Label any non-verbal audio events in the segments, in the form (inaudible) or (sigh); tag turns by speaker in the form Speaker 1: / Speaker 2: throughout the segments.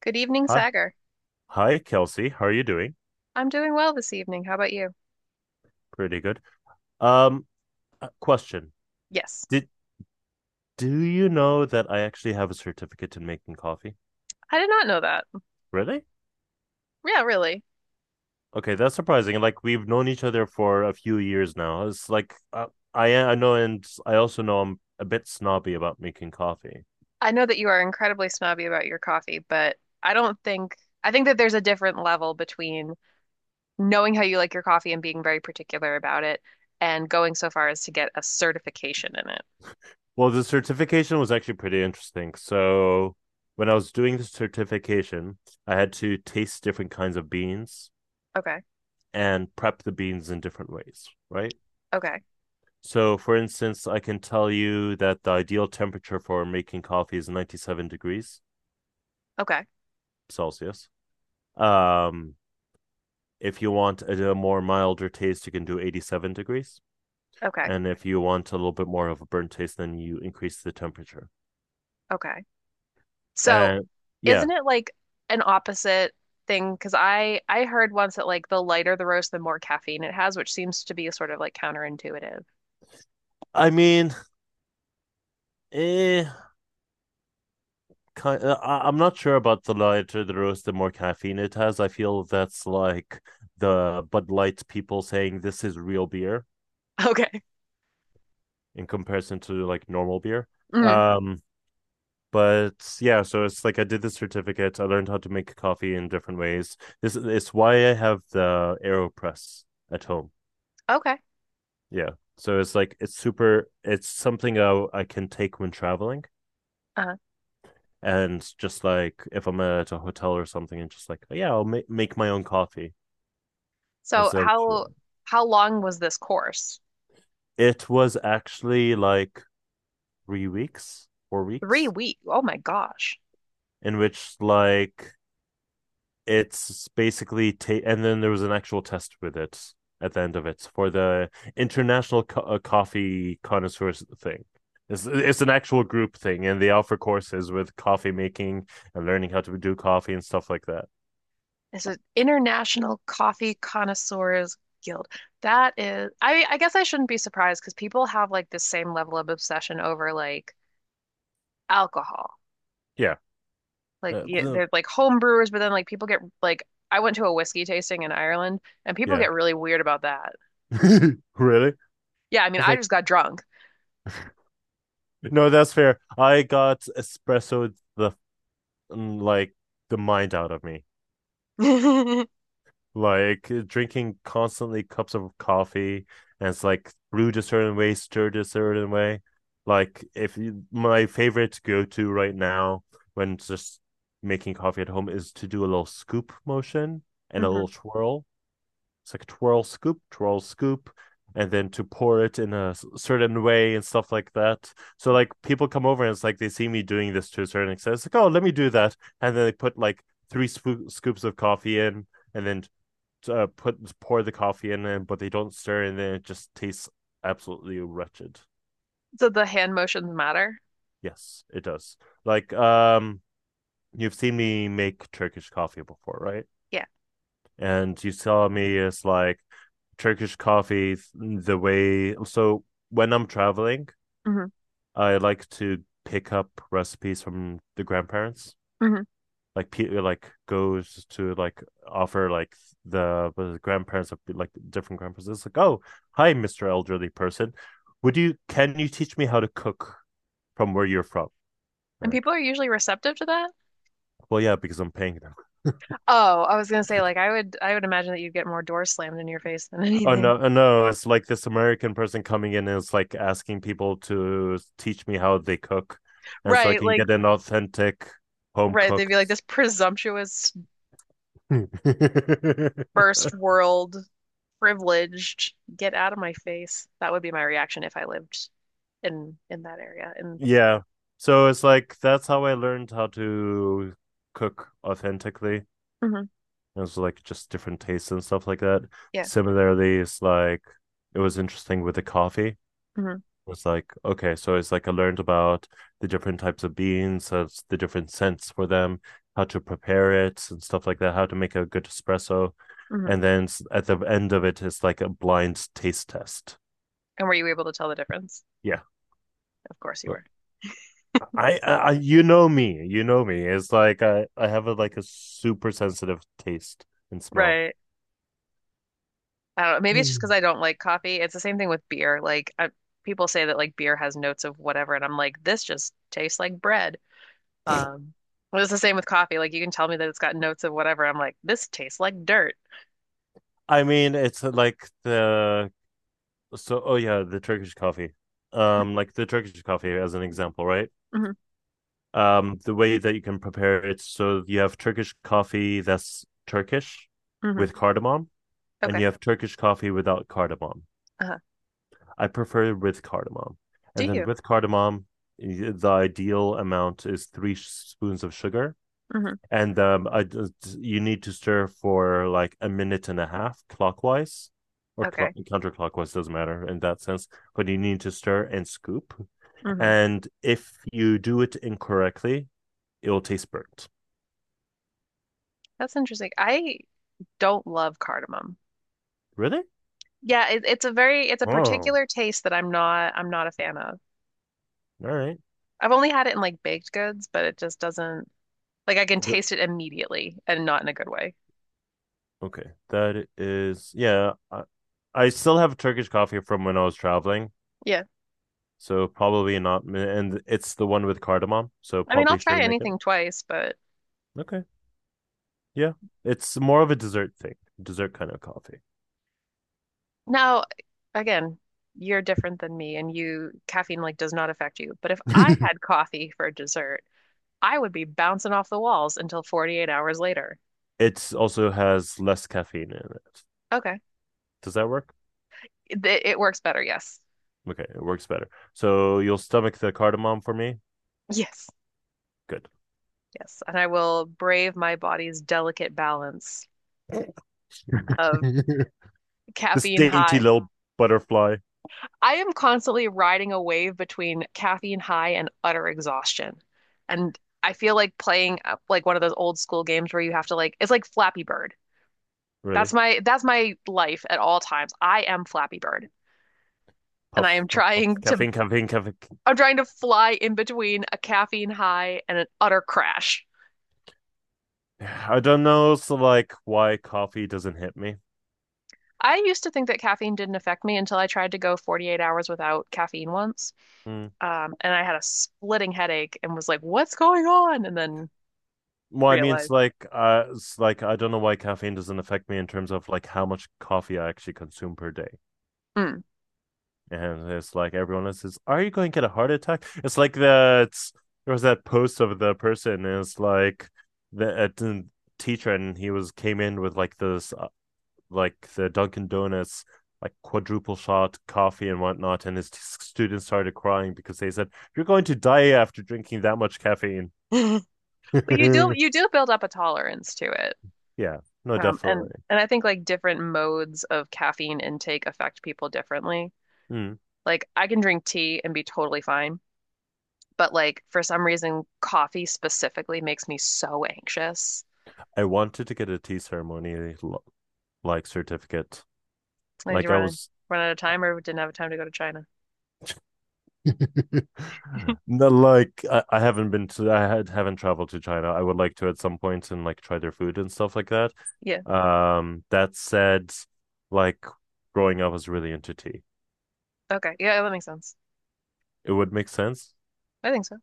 Speaker 1: Good evening,
Speaker 2: Hi.
Speaker 1: Sagar.
Speaker 2: Hi, Kelsey. How are you doing?
Speaker 1: I'm doing well this evening. How about you?
Speaker 2: Pretty good. Um, Question.
Speaker 1: Yes.
Speaker 2: Did do you know that I actually have a certificate in making coffee?
Speaker 1: I did not know that.
Speaker 2: Really?
Speaker 1: Yeah, really.
Speaker 2: Okay, that's surprising. Like we've known each other for a few years now. It's like I know, and I also know I'm a bit snobby about making coffee.
Speaker 1: I know that you are incredibly snobby about your coffee, but I don't think I think that there's a different level between knowing how you like your coffee and being very particular about it and going so far as to get a certification in it.
Speaker 2: Well, the certification was actually pretty interesting. So when I was doing the certification, I had to taste different kinds of beans
Speaker 1: Okay.
Speaker 2: and prep the beans in different ways, right?
Speaker 1: Okay.
Speaker 2: So, for instance, I can tell you that the ideal temperature for making coffee is 97 degrees
Speaker 1: Okay.
Speaker 2: Celsius. Um, if you want a more milder taste, you can do 87 degrees.
Speaker 1: Okay.
Speaker 2: And if you want a little bit more of a burnt taste, then you increase the temperature.
Speaker 1: Okay. So,
Speaker 2: And yeah,
Speaker 1: isn't it like an opposite thing? Because I heard once that like the lighter the roast, the more caffeine it has, which seems to be sort of like counterintuitive.
Speaker 2: I mean, eh, I'm not sure about the lighter the roast, the more caffeine it has. I feel that's like the Bud Light people saying this is real beer
Speaker 1: Okay.
Speaker 2: in comparison to like normal beer.
Speaker 1: Mm,
Speaker 2: Um, but yeah, so it's like I did the certificate, I learned how to make coffee in different ways. This it's why I have the AeroPress at home.
Speaker 1: okay.
Speaker 2: Yeah, so it's like it's super, it's something I can take when traveling,
Speaker 1: Uh,
Speaker 2: and just like if I'm at a hotel or something, and just like yeah I'll make my own coffee
Speaker 1: so
Speaker 2: instead of chai.
Speaker 1: how long was this course?
Speaker 2: It was actually like 3 weeks, four
Speaker 1: Three
Speaker 2: weeks
Speaker 1: weeks. Oh my gosh.
Speaker 2: in which like it's basically and then there was an actual test with it at the end of it for the international coffee connoisseurs thing. It's an actual group thing, and they offer courses with coffee making and learning how to do coffee and stuff like that.
Speaker 1: It's an International Coffee Connoisseurs Guild. That is, I guess I shouldn't be surprised because people have like this same level of obsession over like alcohol.
Speaker 2: Yeah,
Speaker 1: Like
Speaker 2: uh,
Speaker 1: yeah,
Speaker 2: the-
Speaker 1: they're like home brewers, but then like people get like I went to a whiskey tasting in Ireland and people
Speaker 2: yeah,
Speaker 1: get really weird about that.
Speaker 2: (laughs) really. I
Speaker 1: Yeah, I mean,
Speaker 2: was
Speaker 1: I
Speaker 2: like,
Speaker 1: just got drunk.
Speaker 2: no, that's fair. I got espresso the mm, like the mind out of me.
Speaker 1: (laughs) Hmm.
Speaker 2: Like drinking constantly cups of coffee, and it's like brewed a certain way, stirred a certain way. Like if you, my favorite go to right now when just making coffee at home is to do a little scoop motion and a little twirl. It's like twirl scoop, and then to pour it in a certain way and stuff like that. So like people come over, and it's like they see me doing this to a certain extent. It's like, oh, let me do that, and then they put like three scoops of coffee in, and then put pour the coffee in it, but they don't stir, and then it just tastes absolutely wretched.
Speaker 1: So the hand motions matter.
Speaker 2: Yes, it does. Like you've seen me make Turkish coffee before, right?
Speaker 1: Yeah.
Speaker 2: And you saw me as like Turkish coffee the way. So when I'm traveling,
Speaker 1: Hmm.
Speaker 2: I like to pick up recipes from the grandparents, like Peter like goes to like offer like the grandparents of like different grandparents. It's like, oh, hi, Mister Elderly person. Would you can you teach me how to cook from where you're from?
Speaker 1: And
Speaker 2: They're like,
Speaker 1: people are usually receptive to that?
Speaker 2: well, yeah, because I'm paying them.
Speaker 1: Oh, I was gonna say, like, I would imagine that you'd get more doors slammed in your face than (laughs)
Speaker 2: Oh
Speaker 1: anything.
Speaker 2: no, oh, no, it's like this American person coming in, and it's like asking people to teach me how they cook, and so I
Speaker 1: Right,
Speaker 2: can
Speaker 1: like
Speaker 2: get an authentic home
Speaker 1: right, they'd
Speaker 2: cooked
Speaker 1: be like, this presumptuous first
Speaker 2: (laughs)
Speaker 1: world privileged, get out of my face. That would be my reaction if I lived in that area. And
Speaker 2: Yeah. So it's like that's how I learned how to cook authentically.
Speaker 1: mhm,
Speaker 2: It was like just different tastes and stuff like that.
Speaker 1: yeah.
Speaker 2: Similarly, it's like it was interesting with the coffee. It
Speaker 1: Mhm,
Speaker 2: was like, okay, so it's like I learned about the different types of beans, the different scents for them, how to prepare it and stuff like that, how to make a good espresso.
Speaker 1: mhm.
Speaker 2: And then at the end of it, it's like a blind taste test.
Speaker 1: And were you able to tell the difference?
Speaker 2: Yeah.
Speaker 1: Of course you were.
Speaker 2: You know me, you know me. It's like I have a like a super sensitive taste and smell.
Speaker 1: Right. I don't know. Maybe it's just because
Speaker 2: Mm.
Speaker 1: I don't like coffee. It's the same thing with beer. Like I, people say that like beer has notes of whatever, and I'm like, this just tastes like bread. Um, it was the same with coffee. Like you can tell me that it's got notes of whatever. I'm like, this tastes like dirt.
Speaker 2: I mean, it's like the so, oh yeah, the Turkish coffee. Like the Turkish coffee as an example, right?
Speaker 1: Hmm.
Speaker 2: The way that you can prepare it, so you have Turkish coffee that's Turkish
Speaker 1: Hmm.
Speaker 2: with cardamom, and
Speaker 1: Okay.
Speaker 2: you have Turkish coffee without cardamom.
Speaker 1: Uh-huh.
Speaker 2: I prefer with cardamom,
Speaker 1: Do
Speaker 2: and then
Speaker 1: you?
Speaker 2: with cardamom, the ideal amount is three spoons of sugar,
Speaker 1: Hmm.
Speaker 2: and you need to stir for like a minute and a half, clockwise or
Speaker 1: Okay.
Speaker 2: counterclockwise doesn't matter in that sense, but you need to stir and scoop,
Speaker 1: Hmm.
Speaker 2: and if you do it incorrectly, it will taste burnt.
Speaker 1: That's interesting. I don't love cardamom.
Speaker 2: Really?
Speaker 1: Yeah, it's a very it's a
Speaker 2: Oh, all
Speaker 1: particular taste that I'm not a fan of.
Speaker 2: right.
Speaker 1: I've only had it in like baked goods, but it just doesn't like I can taste it immediately and not in a good way.
Speaker 2: Okay, that is, yeah, I still have Turkish coffee from when I was traveling,
Speaker 1: Yeah.
Speaker 2: so probably not, and it's the one with cardamom, so
Speaker 1: I mean, I'll
Speaker 2: probably
Speaker 1: try
Speaker 2: shouldn't make it.
Speaker 1: anything twice, but
Speaker 2: Okay, yeah, it's more of a dessert thing, dessert kind of coffee.
Speaker 1: now, again, you're different than me and you caffeine like does not affect you. But if I had
Speaker 2: (laughs)
Speaker 1: coffee for dessert, I would be bouncing off the walls until 48 hours later.
Speaker 2: It also has less caffeine in it.
Speaker 1: Okay.
Speaker 2: Does that work?
Speaker 1: It works better, yes.
Speaker 2: Okay, it works better. So you'll stomach the cardamom for me.
Speaker 1: Yes.
Speaker 2: Good.
Speaker 1: Yes. And I will brave my body's delicate balance of
Speaker 2: (laughs) This
Speaker 1: caffeine
Speaker 2: dainty
Speaker 1: high.
Speaker 2: little butterfly,
Speaker 1: I am constantly riding a wave between caffeine high and utter exhaustion. And I feel like playing like one of those old school games where you have to like it's like Flappy Bird.
Speaker 2: really.
Speaker 1: That's my life at all times. I am Flappy Bird, and I
Speaker 2: Puff,
Speaker 1: am
Speaker 2: puff, puff.
Speaker 1: trying to
Speaker 2: Caffeine, caffeine, caffeine.
Speaker 1: I'm trying to fly in between a caffeine high and an utter crash.
Speaker 2: I don't know. So, like, why coffee doesn't hit me?
Speaker 1: I used to think that caffeine didn't affect me until I tried to go 48 hours without caffeine once.
Speaker 2: Hmm.
Speaker 1: And I had a splitting headache and was like, "What's going on?" And then
Speaker 2: Well, I mean, it's
Speaker 1: realized,
Speaker 2: like, uh, it's like I don't know why caffeine doesn't affect me in terms of like how much coffee I actually consume per day.
Speaker 1: mm.
Speaker 2: And it's like everyone else says, "Are you going to get a heart attack?" It's like that. There was that post of the person. And it's like the teacher, and he was came in with like this, like the Dunkin' Donuts, like quadruple shot coffee and whatnot, and his students started crying because they said, "You're going to die after drinking that much caffeine."
Speaker 1: (laughs)
Speaker 2: (laughs)
Speaker 1: But you do
Speaker 2: Yeah,
Speaker 1: you do build up a tolerance to it.
Speaker 2: no,
Speaker 1: And
Speaker 2: definitely.
Speaker 1: and I think like different modes of caffeine intake affect people differently.
Speaker 2: Mm.
Speaker 1: Like I can drink tea and be totally fine, but like for some reason, coffee specifically makes me so anxious.
Speaker 2: I wanted to get a tea ceremony, like, certificate.
Speaker 1: Did
Speaker 2: Like
Speaker 1: you
Speaker 2: I
Speaker 1: run
Speaker 2: was
Speaker 1: run out of time or didn't have time to go to China?
Speaker 2: (laughs) no, like I haven't been to I had, haven't traveled to China. I would like to at some point and like try their food and stuff like that.
Speaker 1: Yeah.
Speaker 2: That said, like growing up I was really into tea.
Speaker 1: Okay. Yeah, that makes sense.
Speaker 2: It would make sense.
Speaker 1: I think so.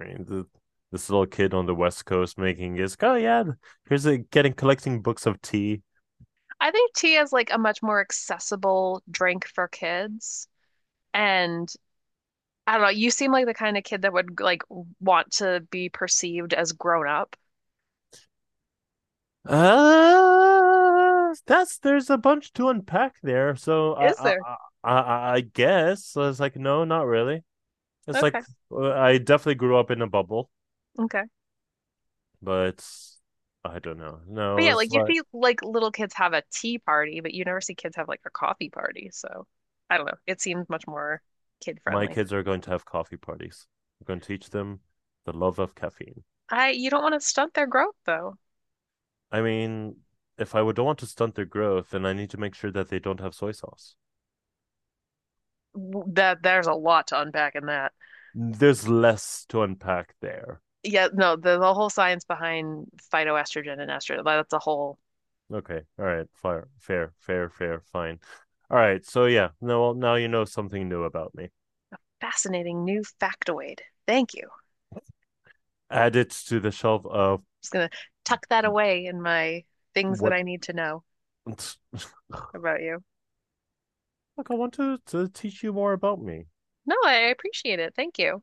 Speaker 2: I mean, this little kid on the West Coast making his oh yeah, here's a getting collecting books of tea.
Speaker 1: I think tea is like a much more accessible drink for kids. And I don't know, you seem like the kind of kid that would like want to be perceived as grown up.
Speaker 2: That's there's a bunch to unpack there. So
Speaker 1: Is
Speaker 2: I I
Speaker 1: there?
Speaker 2: I, I I guess I was like, no, not really. It's
Speaker 1: Okay.
Speaker 2: like I definitely grew up in a bubble,
Speaker 1: Okay.
Speaker 2: but I don't know.
Speaker 1: But
Speaker 2: No,
Speaker 1: yeah,
Speaker 2: it's
Speaker 1: like you
Speaker 2: like
Speaker 1: see like little kids have a tea party, but you never see kids have like a coffee party. So I don't know. It seems much more kid
Speaker 2: my
Speaker 1: friendly.
Speaker 2: kids are going to have coffee parties. I'm going to teach them the love of caffeine.
Speaker 1: I you don't want to stunt their growth though.
Speaker 2: I mean, if I would don't want to stunt their growth, then I need to make sure that they don't have soy sauce.
Speaker 1: That there's a lot to unpack in that.
Speaker 2: There's less to unpack there.
Speaker 1: Yeah, no, the whole science behind phytoestrogen and estrogen, that's a whole
Speaker 2: Okay. All right. Fair, fair, fair, fair, fine. All right. So yeah, no, well, now you know something new about me.
Speaker 1: fascinating new factoid. Thank you. I'm
Speaker 2: Add it to the shelf of
Speaker 1: just gonna tuck that away in my things that
Speaker 2: what.
Speaker 1: I need to know
Speaker 2: (laughs) Look,
Speaker 1: about you.
Speaker 2: I want to teach you more about me.
Speaker 1: No, I appreciate it. Thank you.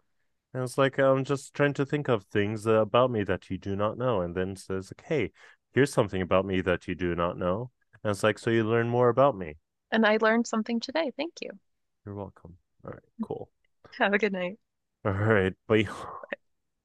Speaker 2: And it's like I'm just trying to think of things about me that you do not know, and then says like, "Hey, here's something about me that you do not know." And it's like, so you learn more about me.
Speaker 1: And I learned something today. Thank you.
Speaker 2: You're welcome. All right, cool.
Speaker 1: Have a good night.
Speaker 2: (laughs) All right, but